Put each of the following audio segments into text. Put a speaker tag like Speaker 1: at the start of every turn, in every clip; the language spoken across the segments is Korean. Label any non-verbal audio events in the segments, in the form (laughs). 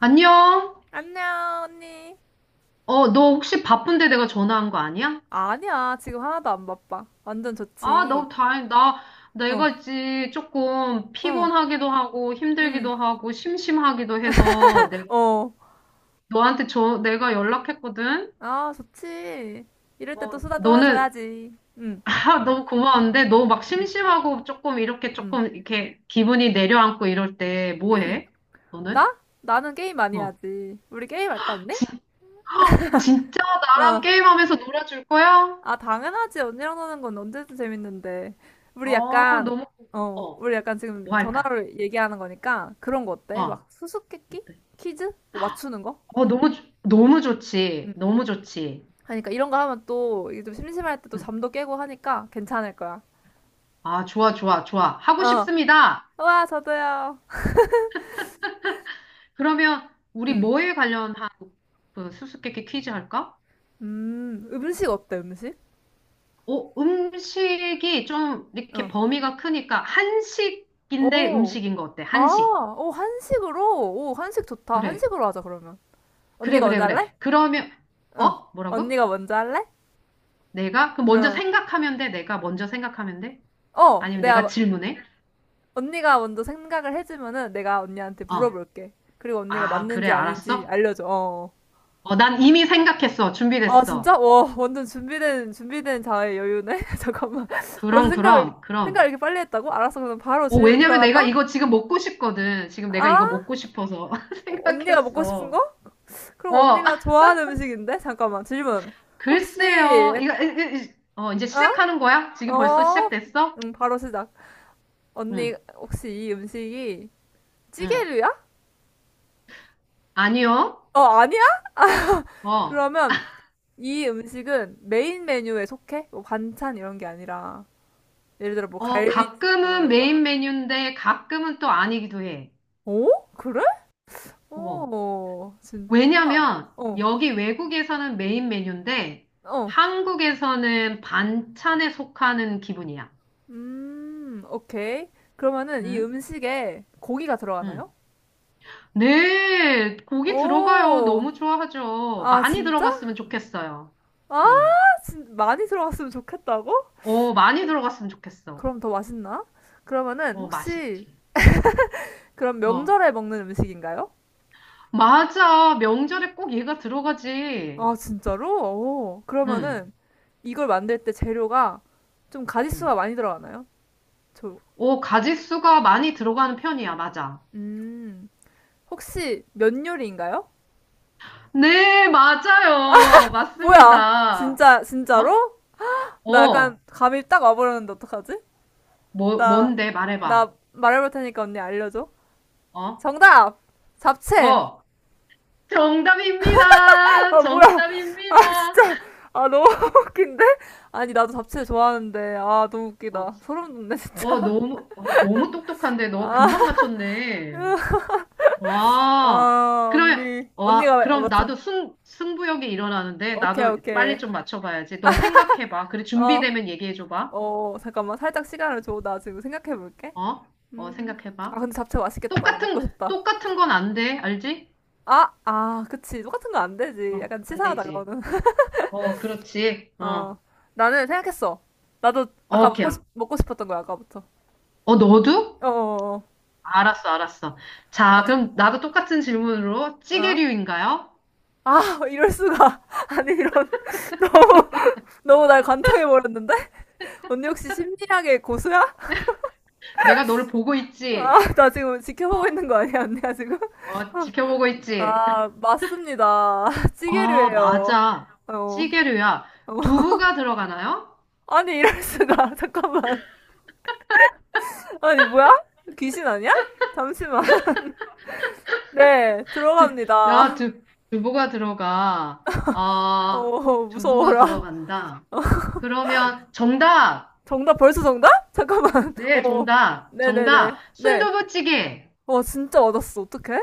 Speaker 1: 안녕?
Speaker 2: 안녕, 언니.
Speaker 1: 너 혹시 바쁜데 내가 전화한 거 아니야?
Speaker 2: 아니야, 지금 하나도 안 바빠. 완전
Speaker 1: 아,
Speaker 2: 좋지.
Speaker 1: 너무 다행이다.
Speaker 2: 어,
Speaker 1: 내가 있지 조금
Speaker 2: 응,
Speaker 1: 피곤하기도 하고
Speaker 2: 응,
Speaker 1: 힘들기도 하고 심심하기도 해서 내가
Speaker 2: 어.
Speaker 1: 너한테 내가 연락했거든.
Speaker 2: 아, 좋지. 이럴 때 또 수다
Speaker 1: 너는
Speaker 2: 떨어줘야지. 응,
Speaker 1: (laughs) 아, 너무 고마운데 너 막 심심하고 조금 이렇게
Speaker 2: 응,
Speaker 1: 조금 이렇게 기분이 내려앉고 이럴 때 뭐
Speaker 2: 응.
Speaker 1: 해? 너는?
Speaker 2: 나? 나는 게임 많이
Speaker 1: 어.
Speaker 2: 하지. 우리 게임 할까, 언니?
Speaker 1: 진, (gasps) 헉, 진짜 나랑
Speaker 2: 어.
Speaker 1: 게임하면서 놀아줄 거야?
Speaker 2: 아, 당연하지. 언니랑 노는 건 언제든 재밌는데. 우리
Speaker 1: 어,
Speaker 2: 약간,
Speaker 1: 너무 고- 어,
Speaker 2: 우리 약간 지금
Speaker 1: 뭐 할까?
Speaker 2: 전화로 얘기하는 거니까 그런 거 어때? 막
Speaker 1: 어.
Speaker 2: 수수께끼?
Speaker 1: 어때?
Speaker 2: 퀴즈? 뭐 맞추는 거?
Speaker 1: 너무 좋지.
Speaker 2: 응, 응.
Speaker 1: 너무 좋지.
Speaker 2: 하니까 이런 거 하면 또 이게 좀 심심할 때 또
Speaker 1: 음.
Speaker 2: 잠도 깨고 하니까 괜찮을 거야.
Speaker 1: 아, 좋아, 좋아, 좋아. 하고
Speaker 2: 어.
Speaker 1: 싶습니다.
Speaker 2: 와, 저도요.
Speaker 1: 그러면 우리
Speaker 2: 음.
Speaker 1: 뭐에 관련한 그 수수께끼 퀴즈 할까?
Speaker 2: 음. 음식 어때, 음식?
Speaker 1: 음식이 좀 이렇게
Speaker 2: 어.
Speaker 1: 범위가 크니까 한식인데
Speaker 2: 오.
Speaker 1: 음식인 거 어때?
Speaker 2: 아,
Speaker 1: 한식.
Speaker 2: 오, 한식으로? 오, 한식 좋다.
Speaker 1: 그래.
Speaker 2: 한식으로 하자, 그러면.
Speaker 1: 그래,
Speaker 2: 언니가
Speaker 1: 그래,
Speaker 2: 먼저
Speaker 1: 그래.
Speaker 2: 할래?
Speaker 1: 그러면,
Speaker 2: 어.
Speaker 1: 어? 뭐라고?
Speaker 2: 언니가 먼저 할래?
Speaker 1: 내가? 그럼 먼저
Speaker 2: 어.
Speaker 1: 생각하면 돼? 내가 먼저 생각하면 돼?
Speaker 2: 어,
Speaker 1: 아니면
Speaker 2: 내가,
Speaker 1: 내가
Speaker 2: 마-
Speaker 1: 질문해?
Speaker 2: 언니가 먼저 생각을 해주면은 내가 언니한테
Speaker 1: 어.
Speaker 2: 물어볼게. 그리고 언니가
Speaker 1: 아, 그래,
Speaker 2: 맞는지 아닌지
Speaker 1: 알았어?
Speaker 2: 알려줘. 어.
Speaker 1: 난 이미 생각했어.
Speaker 2: 아 진짜?
Speaker 1: 준비됐어.
Speaker 2: 와 완전 준비된 자의 여유네. (laughs) 잠깐만. 벌써
Speaker 1: 그럼,
Speaker 2: 생각을
Speaker 1: 그럼,
Speaker 2: 생각을
Speaker 1: 그럼.
Speaker 2: 이렇게 빨리 했다고? 알았어. 그럼 바로 질문
Speaker 1: 왜냐면 내가
Speaker 2: 들어간다.
Speaker 1: 이거 지금 먹고 싶거든. 지금 내가
Speaker 2: 아
Speaker 1: 이거 먹고 싶어서 (laughs)
Speaker 2: 언니가 먹고 싶은 거?
Speaker 1: 생각했어.
Speaker 2: 그럼
Speaker 1: 어,
Speaker 2: 언니가
Speaker 1: (laughs)
Speaker 2: 좋아하는 음식인데? 잠깐만 질문. 혹시
Speaker 1: 글쎄요. 이거, 이- 이- 이- 어, 이제 시작하는
Speaker 2: 어?
Speaker 1: 거야? 지금 벌써
Speaker 2: 어?
Speaker 1: 시작됐어?
Speaker 2: 응 바로 시작. 언니
Speaker 1: 응,
Speaker 2: 혹시 이 음식이
Speaker 1: 응.
Speaker 2: 찌개류야?
Speaker 1: 아니요.
Speaker 2: 어 아니야?
Speaker 1: 어,
Speaker 2: 그러면 이 음식은 메인 메뉴에 속해? 뭐 반찬 이런 게 아니라 예를 들어 뭐 갈비찜 이런
Speaker 1: 가끔은
Speaker 2: 거 있잖아.
Speaker 1: 메인 메뉴인데 가끔은 또 아니기도 해.
Speaker 2: 오? 그래?
Speaker 1: 어.
Speaker 2: 오, 진짜? 어,
Speaker 1: 왜냐면 여기 외국에서는 메인 메뉴인데
Speaker 2: 어.
Speaker 1: 한국에서는 반찬에 속하는 기분이야.
Speaker 2: 오케이. 그러면은 이
Speaker 1: 응?
Speaker 2: 음식에 고기가
Speaker 1: 응.
Speaker 2: 들어가나요?
Speaker 1: 네, 고기 들어가요.
Speaker 2: 오,
Speaker 1: 너무 좋아하죠.
Speaker 2: 아,
Speaker 1: 많이
Speaker 2: 진짜?
Speaker 1: 들어갔으면 좋겠어요.
Speaker 2: 아,
Speaker 1: 음.
Speaker 2: 많이 들어갔으면 좋겠다고?
Speaker 1: 많이 들어갔으면 좋겠어.
Speaker 2: 그럼 더 맛있나? 그러면은 혹시
Speaker 1: 맛있지.
Speaker 2: 그럼
Speaker 1: 어.
Speaker 2: 명절에 먹는 음식인가요?
Speaker 1: 맞아. 명절에 꼭 얘가 들어가지.
Speaker 2: 아, 진짜로? 오,
Speaker 1: 음.
Speaker 2: 그러면은 이걸 만들 때 재료가 좀 가짓수가
Speaker 1: 음.
Speaker 2: 많이 들어가나요? 저,
Speaker 1: 가짓수가 많이 들어가는 편이야. 맞아.
Speaker 2: 음, 혹시 면 요리인가요?
Speaker 1: 네, 맞아요.
Speaker 2: 뭐야,
Speaker 1: 맞습니다.
Speaker 2: 진짜,
Speaker 1: 어?
Speaker 2: 진짜로? 나 약간
Speaker 1: 어.
Speaker 2: 감이 딱 와버렸는데 어떡하지? 나,
Speaker 1: 뭔데?
Speaker 2: 나
Speaker 1: 말해봐.
Speaker 2: 말해볼 테니까 언니 알려줘.
Speaker 1: 어?
Speaker 2: 정답! 잡채!
Speaker 1: 어. 정답입니다.
Speaker 2: 아, 뭐야. 아,
Speaker 1: 정답입니다.
Speaker 2: 아, 너무 (laughs) 웃긴데? 아니, 나도 잡채 좋아하는데. 아, 너무
Speaker 1: 아,
Speaker 2: 웃기다.
Speaker 1: 진짜.
Speaker 2: 소름 돋네, 진짜.
Speaker 1: 너무 똑똑한데, 너
Speaker 2: 아,
Speaker 1: 금방 맞췄네.
Speaker 2: (laughs)
Speaker 1: 와,
Speaker 2: 아,
Speaker 1: 그러면,
Speaker 2: 언니.
Speaker 1: 와,
Speaker 2: 언니가,
Speaker 1: 그럼
Speaker 2: 맞춰.
Speaker 1: 나도 승부욕이 일어나는데,
Speaker 2: 오케이,
Speaker 1: 나도 빨리
Speaker 2: 오케이.
Speaker 1: 좀 맞춰봐야지. 너 생각해봐. 그래,
Speaker 2: 어,
Speaker 1: 준비되면 얘기해줘봐.
Speaker 2: 어, 잠깐만. 살짝 시간을 줘. 나 지금 생각해볼게.
Speaker 1: 어?
Speaker 2: 아,
Speaker 1: 생각해봐.
Speaker 2: 근데 잡채 맛있겠다.
Speaker 1: 똑같은,
Speaker 2: 먹고 싶다.
Speaker 1: 똑같은 건 안 돼. 알지?
Speaker 2: 아, 그치. 똑같은 거 안 되지.
Speaker 1: 어,
Speaker 2: 약간
Speaker 1: 안
Speaker 2: 치사하다,
Speaker 1: 되지.
Speaker 2: 그거는.
Speaker 1: 어, 어, 그렇지.
Speaker 2: 어,
Speaker 1: 어,
Speaker 2: 나는 생각했어. 나도
Speaker 1: 어,
Speaker 2: 아까
Speaker 1: 오케이.
Speaker 2: 먹고 싶었던 거야, 아까부터.
Speaker 1: 어, 너도?
Speaker 2: 어어어.
Speaker 1: 알았어, 알았어.
Speaker 2: 어,
Speaker 1: 자,
Speaker 2: 어.
Speaker 1: 그럼 나도 똑같은 질문으로
Speaker 2: 어?
Speaker 1: 찌개류인가요?
Speaker 2: 아, 이럴 수가. (laughs) 아니, 이런. (laughs) 너무, 너무 날 관통해버렸는데? 언니 혹시 심리학의 고수야?
Speaker 1: 내가 너를 보고
Speaker 2: 아,
Speaker 1: 있지?
Speaker 2: 나 지금 지켜보고 있는
Speaker 1: 어,
Speaker 2: 거 아니야, 언니야, 지금?
Speaker 1: 어, 지켜보고 있지?
Speaker 2: 아, 맞습니다. (laughs) 찌개를
Speaker 1: 아,
Speaker 2: 해요.
Speaker 1: 맞아.
Speaker 2: 어, 어.
Speaker 1: 찌개류야.
Speaker 2: (laughs)
Speaker 1: 두부가 들어가나요?
Speaker 2: 아니, 이럴 수가. (laughs) 잠깐만. 아니, 뭐야? 귀신 아니야? 잠시만. (laughs) 네,
Speaker 1: 두, 나
Speaker 2: 들어갑니다.
Speaker 1: 두, 두부가 들어가. 아,
Speaker 2: 어,
Speaker 1: 두부가
Speaker 2: 무서워라. 어.
Speaker 1: 들어간다. 그러면 정답.
Speaker 2: 정답 벌써 정답? 잠깐만. (laughs)
Speaker 1: 네,
Speaker 2: 어.
Speaker 1: 정답.
Speaker 2: 네네네.
Speaker 1: 정답.
Speaker 2: 네.
Speaker 1: 순두부찌개.
Speaker 2: 와 진짜 맞았어. 어떡해?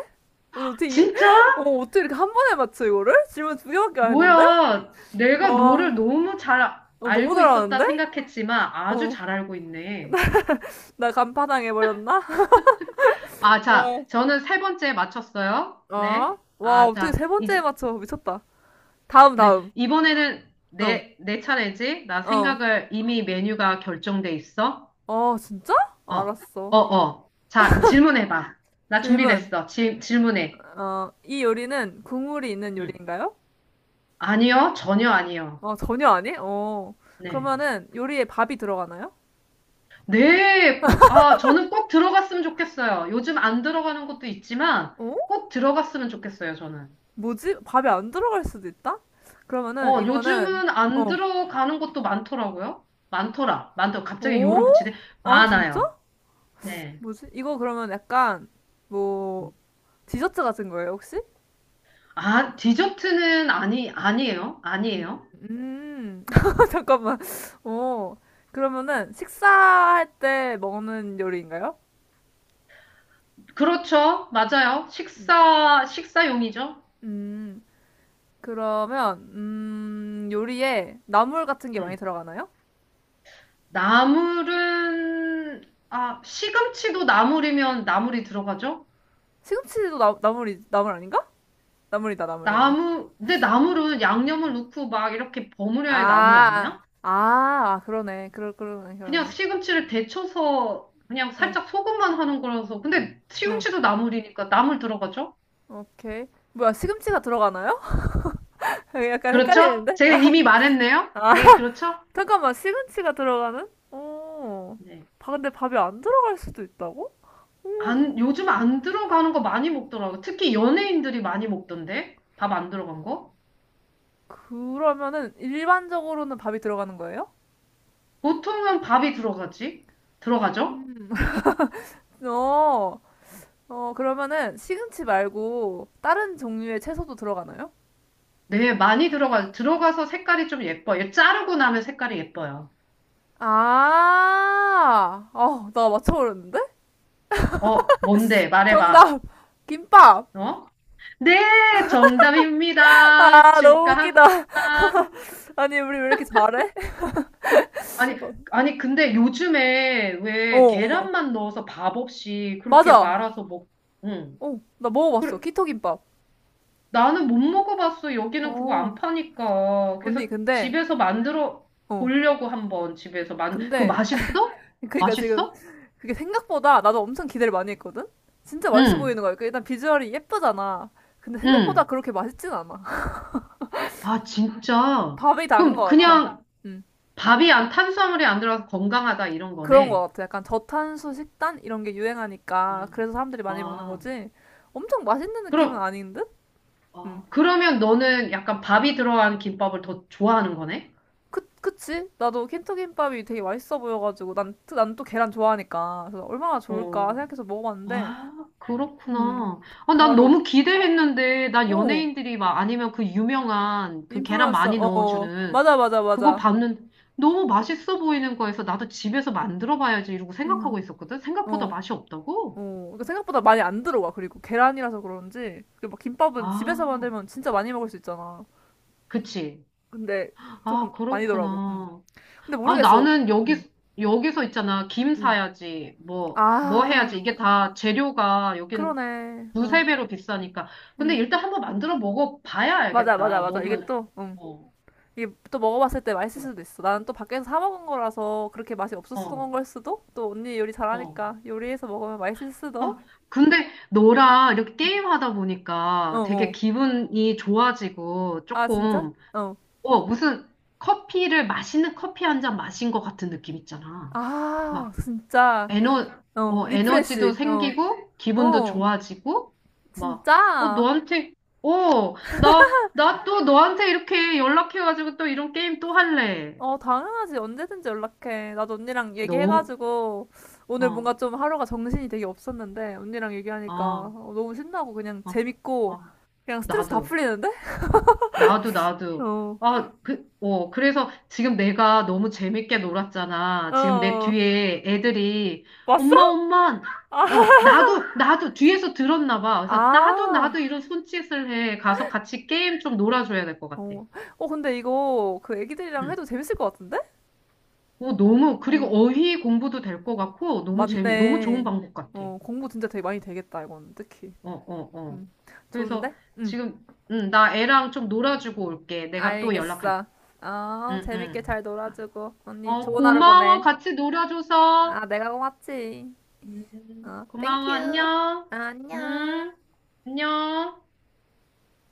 Speaker 2: 아니,
Speaker 1: 진짜?
Speaker 2: (laughs) 어떻게 이렇게 한 번에 맞춰 이거를? 질문 두 개밖에 안 했는데?
Speaker 1: 뭐야. 내가
Speaker 2: 와.
Speaker 1: 너를 너무 잘
Speaker 2: 어, 너무
Speaker 1: 알고 있었다
Speaker 2: 잘하는데?
Speaker 1: 생각했지만 아주
Speaker 2: 어.
Speaker 1: 잘 알고 있네.
Speaker 2: 나 간파당 해버렸나?
Speaker 1: 아,
Speaker 2: (laughs)
Speaker 1: 자,
Speaker 2: 어.
Speaker 1: 저는 세 번째 맞췄어요.
Speaker 2: 아.
Speaker 1: 네.
Speaker 2: 와
Speaker 1: 아,
Speaker 2: 어떻게
Speaker 1: 자,
Speaker 2: 세 번째에
Speaker 1: 이제
Speaker 2: 맞춰 미쳤다. 다음
Speaker 1: 네,
Speaker 2: 다음.
Speaker 1: 이번에는
Speaker 2: 어.
Speaker 1: 내 차례지? 나
Speaker 2: 어.
Speaker 1: 생각을 이미 메뉴가 결정돼 있어.
Speaker 2: 어 진짜?
Speaker 1: 어,
Speaker 2: 알았어.
Speaker 1: 어, 어. 자, 질문해봐. 나
Speaker 2: 질문.
Speaker 1: 준비됐어. 질문해.
Speaker 2: 어. 이 요리는 국물이 있는
Speaker 1: 응.
Speaker 2: 요리인가요?
Speaker 1: 아니요, 전혀 아니요.
Speaker 2: 어 전혀 아니? 어.
Speaker 1: 네.
Speaker 2: 그러면은 요리에 밥이 들어가나요?
Speaker 1: 네, 아, 저는 꼭 들어갔으면 좋겠어요. 요즘 안 들어가는 것도 있지만
Speaker 2: 어?
Speaker 1: 꼭 들어갔으면 좋겠어요, 저는.
Speaker 2: 뭐지? 밥이 안 들어갈 수도 있다? 그러면은 이거는
Speaker 1: 요즘은 안
Speaker 2: 어.
Speaker 1: 들어가는 것도 많더라고요. 많더라. 많더 갑자기
Speaker 2: 오?
Speaker 1: 요를 붙이네.
Speaker 2: 아, 진짜?
Speaker 1: 많아요. 네.
Speaker 2: 뭐지? 이거 그러면 약간 뭐
Speaker 1: 응.
Speaker 2: 디저트 같은 거예요, 혹시?
Speaker 1: 아, 디저트는 아니, 아니에요. 아니에요.
Speaker 2: 음. (laughs) 잠깐만. 어. 그러면은 식사할 때 먹는 요리인가요?
Speaker 1: 그렇죠. 맞아요.
Speaker 2: 음.
Speaker 1: 식사용이죠.
Speaker 2: 음. 그러면 요리에 나물 같은 게 많이
Speaker 1: 음.
Speaker 2: 들어가나요?
Speaker 1: 나물은, 아, 시금치도 나물이면 나물이 들어가죠?
Speaker 2: 시금치도 나물이 나물 아닌가? 나물이다, 나물, 나물.
Speaker 1: 근데 나물은 양념을 넣고 막 이렇게 버무려야 할 나물
Speaker 2: 아.
Speaker 1: 아니야?
Speaker 2: 아, 아, 그러네. 그러네,
Speaker 1: 그냥
Speaker 2: 그러네.
Speaker 1: 시금치를 데쳐서 그냥
Speaker 2: 어.
Speaker 1: 살짝 소금만 하는 거라서. 근데
Speaker 2: 응,
Speaker 1: 시금치도 나물이니까 나물 들어가죠?
Speaker 2: 오케이. 뭐야, 시금치가 들어가나요? (laughs) 약간
Speaker 1: 그렇죠?
Speaker 2: 헷갈리는데?
Speaker 1: 제가 이미 말했네요?
Speaker 2: 아,
Speaker 1: 네,
Speaker 2: (laughs)
Speaker 1: 그렇죠?
Speaker 2: 잠깐만, 시금치가 들어가는? 오,
Speaker 1: 네.
Speaker 2: 근데 밥이 안 들어갈 수도 있다고? 오,
Speaker 1: 안, 요즘 안 들어가는 거 많이 먹더라고. 특히 연예인들이 많이 먹던데? 밥 안 들어간 거?
Speaker 2: 그러면은 일반적으로는 밥이 들어가는 거예요?
Speaker 1: 보통은 밥이 들어가지? 들어가죠?
Speaker 2: 어, 어, 그러면은 시금치 말고 다른 종류의 채소도 들어가나요?
Speaker 1: 네, 많이 들어가서 색깔이 좀 예뻐. 얘 자르고 나면 색깔이 예뻐요.
Speaker 2: 아, 나 맞춰버렸는데?
Speaker 1: 뭔데? 말해봐.
Speaker 2: 정답! 김밥!
Speaker 1: 어? 네, 정답입니다.
Speaker 2: 아, 너무 웃기다.
Speaker 1: 축하합니다.
Speaker 2: 아니, 우리 왜 이렇게 잘해?
Speaker 1: 아니,
Speaker 2: (laughs)
Speaker 1: 아니, 근데 요즘에
Speaker 2: 어,
Speaker 1: 왜
Speaker 2: 어.
Speaker 1: 계란만 넣어서 밥 없이 그렇게
Speaker 2: 맞아.
Speaker 1: 말아서 먹, 응.
Speaker 2: 어, 나 먹어봤어. 키토김밥.
Speaker 1: 나는 못 먹어봤어. 여기는 그거 안
Speaker 2: 어.
Speaker 1: 파니까.
Speaker 2: 언니,
Speaker 1: 그래서 집에서 만들어
Speaker 2: 어,
Speaker 1: 보려고 한번 그거
Speaker 2: 근데,
Speaker 1: 맛있어?
Speaker 2: (laughs) 그러니까 지금
Speaker 1: 맛있어?
Speaker 2: 그게 생각보다 나도 엄청 기대를 많이 했거든? 진짜 맛있어 보이는
Speaker 1: 응,
Speaker 2: 거야. 그 일단 비주얼이 예쁘잖아. 근데 생각보다
Speaker 1: 응.
Speaker 2: 그렇게 맛있진 않아. (laughs)
Speaker 1: 아, 진짜.
Speaker 2: 밥이 단
Speaker 1: 그럼
Speaker 2: 것 같아.
Speaker 1: 그냥
Speaker 2: 음,
Speaker 1: 밥이 안, 탄수화물이 안 들어가서 건강하다 이런
Speaker 2: 그런 것
Speaker 1: 거네.
Speaker 2: 같아. 약간 저탄수 식단? 이런 게 유행하니까.
Speaker 1: 아,
Speaker 2: 그래서 사람들이 많이 먹는
Speaker 1: 아.
Speaker 2: 거지. 엄청 맛있는 느낌은
Speaker 1: 그럼,
Speaker 2: 아닌 듯? 음.
Speaker 1: 그러면 너는 약간 밥이 들어간 김밥을 더 좋아하는 거네?
Speaker 2: 그치? 나도 킨토김밥이 되게 맛있어 보여가지고. 난 또 계란 좋아하니까. 그래서 얼마나
Speaker 1: 어,
Speaker 2: 좋을까 생각해서 먹어봤는데.
Speaker 1: 아,
Speaker 2: 음,
Speaker 1: 그렇구나. 아, 난
Speaker 2: 바로.
Speaker 1: 너무 기대했는데, 난
Speaker 2: 어,
Speaker 1: 연예인들이 막 아니면 그 유명한 그 계란
Speaker 2: 인플루언서.
Speaker 1: 많이
Speaker 2: 어,
Speaker 1: 넣어주는
Speaker 2: 맞아, 맞아,
Speaker 1: 그거
Speaker 2: 맞아.
Speaker 1: 봤는데 너무 맛있어 보이는 거에서 나도 집에서 만들어 봐야지 이러고 생각하고
Speaker 2: 음.
Speaker 1: 있었거든? 생각보다
Speaker 2: 어,
Speaker 1: 맛이
Speaker 2: 어.
Speaker 1: 없다고?
Speaker 2: 그러니까 생각보다 많이 안 들어와. 그리고 계란이라서 그런지. 그리고 막 김밥은 집에서
Speaker 1: 아,
Speaker 2: 만들면 진짜 많이 먹을 수 있잖아.
Speaker 1: 그치.
Speaker 2: 근데
Speaker 1: 아,
Speaker 2: 조금 아니더라고. 음.
Speaker 1: 그렇구나.
Speaker 2: 근데
Speaker 1: 아,
Speaker 2: 모르겠어.
Speaker 1: 나는
Speaker 2: 음,
Speaker 1: 여기서 있잖아. 김
Speaker 2: 음.
Speaker 1: 사야지. 뭐
Speaker 2: 아,
Speaker 1: 해야지. 이게 다 재료가 여긴
Speaker 2: 그러네. 응,
Speaker 1: 두세 배로 비싸니까. 근데
Speaker 2: 응.
Speaker 1: 일단 한번 만들어 먹어봐야
Speaker 2: 맞아, 맞아,
Speaker 1: 알겠다.
Speaker 2: 맞아.
Speaker 1: 너도.
Speaker 2: 이게
Speaker 1: 맞아요.
Speaker 2: 또, 응.
Speaker 1: 어.
Speaker 2: 이게 또 먹어봤을 때 맛있을
Speaker 1: 어,
Speaker 2: 수도 있어. 나는 또 밖에서 사 먹은 거라서 그렇게 맛이 없었던
Speaker 1: 어.
Speaker 2: 걸 수도? 또 언니 요리
Speaker 1: 어.
Speaker 2: 잘하니까 요리해서 먹으면 맛있을 수도?
Speaker 1: 아, 근데 너랑 이렇게 게임하다 보니까 되게
Speaker 2: 어어.
Speaker 1: 기분이 좋아지고
Speaker 2: 아, 진짜?
Speaker 1: 조금,
Speaker 2: 어.
Speaker 1: 무슨 맛있는 커피 한 잔 마신 것 같은 느낌 있잖아.
Speaker 2: 아,
Speaker 1: 막
Speaker 2: 진짜.
Speaker 1: 에너,
Speaker 2: 어,
Speaker 1: 에너지도
Speaker 2: 리프레시. 어.
Speaker 1: 생기고, 기분도
Speaker 2: 어,
Speaker 1: 좋아지고, 막,
Speaker 2: 진짜?
Speaker 1: 어, 나, 나 또 너한테 이렇게 연락해가지고 또 이런 게임 또 할래.
Speaker 2: 어, 당연하지. 언제든지 연락해. 나도 언니랑
Speaker 1: 너,
Speaker 2: 얘기해가지고, 오늘
Speaker 1: 어,
Speaker 2: 뭔가 좀 하루가 정신이 되게 없었는데, 언니랑 얘기하니까
Speaker 1: 어,
Speaker 2: 너무 신나고, 그냥
Speaker 1: 어,
Speaker 2: 재밌고,
Speaker 1: 어,
Speaker 2: 그냥 스트레스 다
Speaker 1: 나도.
Speaker 2: 풀리는데?
Speaker 1: 나도, 나도.
Speaker 2: 어.
Speaker 1: 아, 그래서 지금 내가 너무 재밌게 놀았잖아. 지금 내
Speaker 2: 어.
Speaker 1: 뒤에 애들이,
Speaker 2: 왔어?
Speaker 1: 엄마, 엄마,
Speaker 2: 아.
Speaker 1: 나도, 나도, 뒤에서 들었나 봐. 그래서 나도,
Speaker 2: 아.
Speaker 1: 나도 이런 손짓을 해. 가서 같이 게임 좀 놀아줘야 될 것 같아.
Speaker 2: 어. 어, 근데 이거 그 애기들이랑
Speaker 1: 응.
Speaker 2: 해도 재밌을 것 같은데?
Speaker 1: 그리고
Speaker 2: 어.
Speaker 1: 어휘 공부도 될 것 같고, 너무 좋은
Speaker 2: 맞네.
Speaker 1: 방법 같아.
Speaker 2: 어, 공부 진짜 되게 많이 되겠다, 이건. 특히.
Speaker 1: 어, 어, 어.
Speaker 2: 음,
Speaker 1: 그래서
Speaker 2: 좋은데? 응,
Speaker 1: 지금, 응, 나 애랑 좀 놀아주고 올게. 내가 또 연락할게.
Speaker 2: 알겠어. 어,
Speaker 1: 응,
Speaker 2: 재밌게
Speaker 1: 응.
Speaker 2: 잘 놀아주고, 언니 좋은 하루
Speaker 1: 고마워.
Speaker 2: 보내.
Speaker 1: 같이 놀아줘서.
Speaker 2: 아, 내가 고맙지. 어,
Speaker 1: 고마워.
Speaker 2: 땡큐.
Speaker 1: 안녕.
Speaker 2: 안녕.
Speaker 1: 응, 안녕.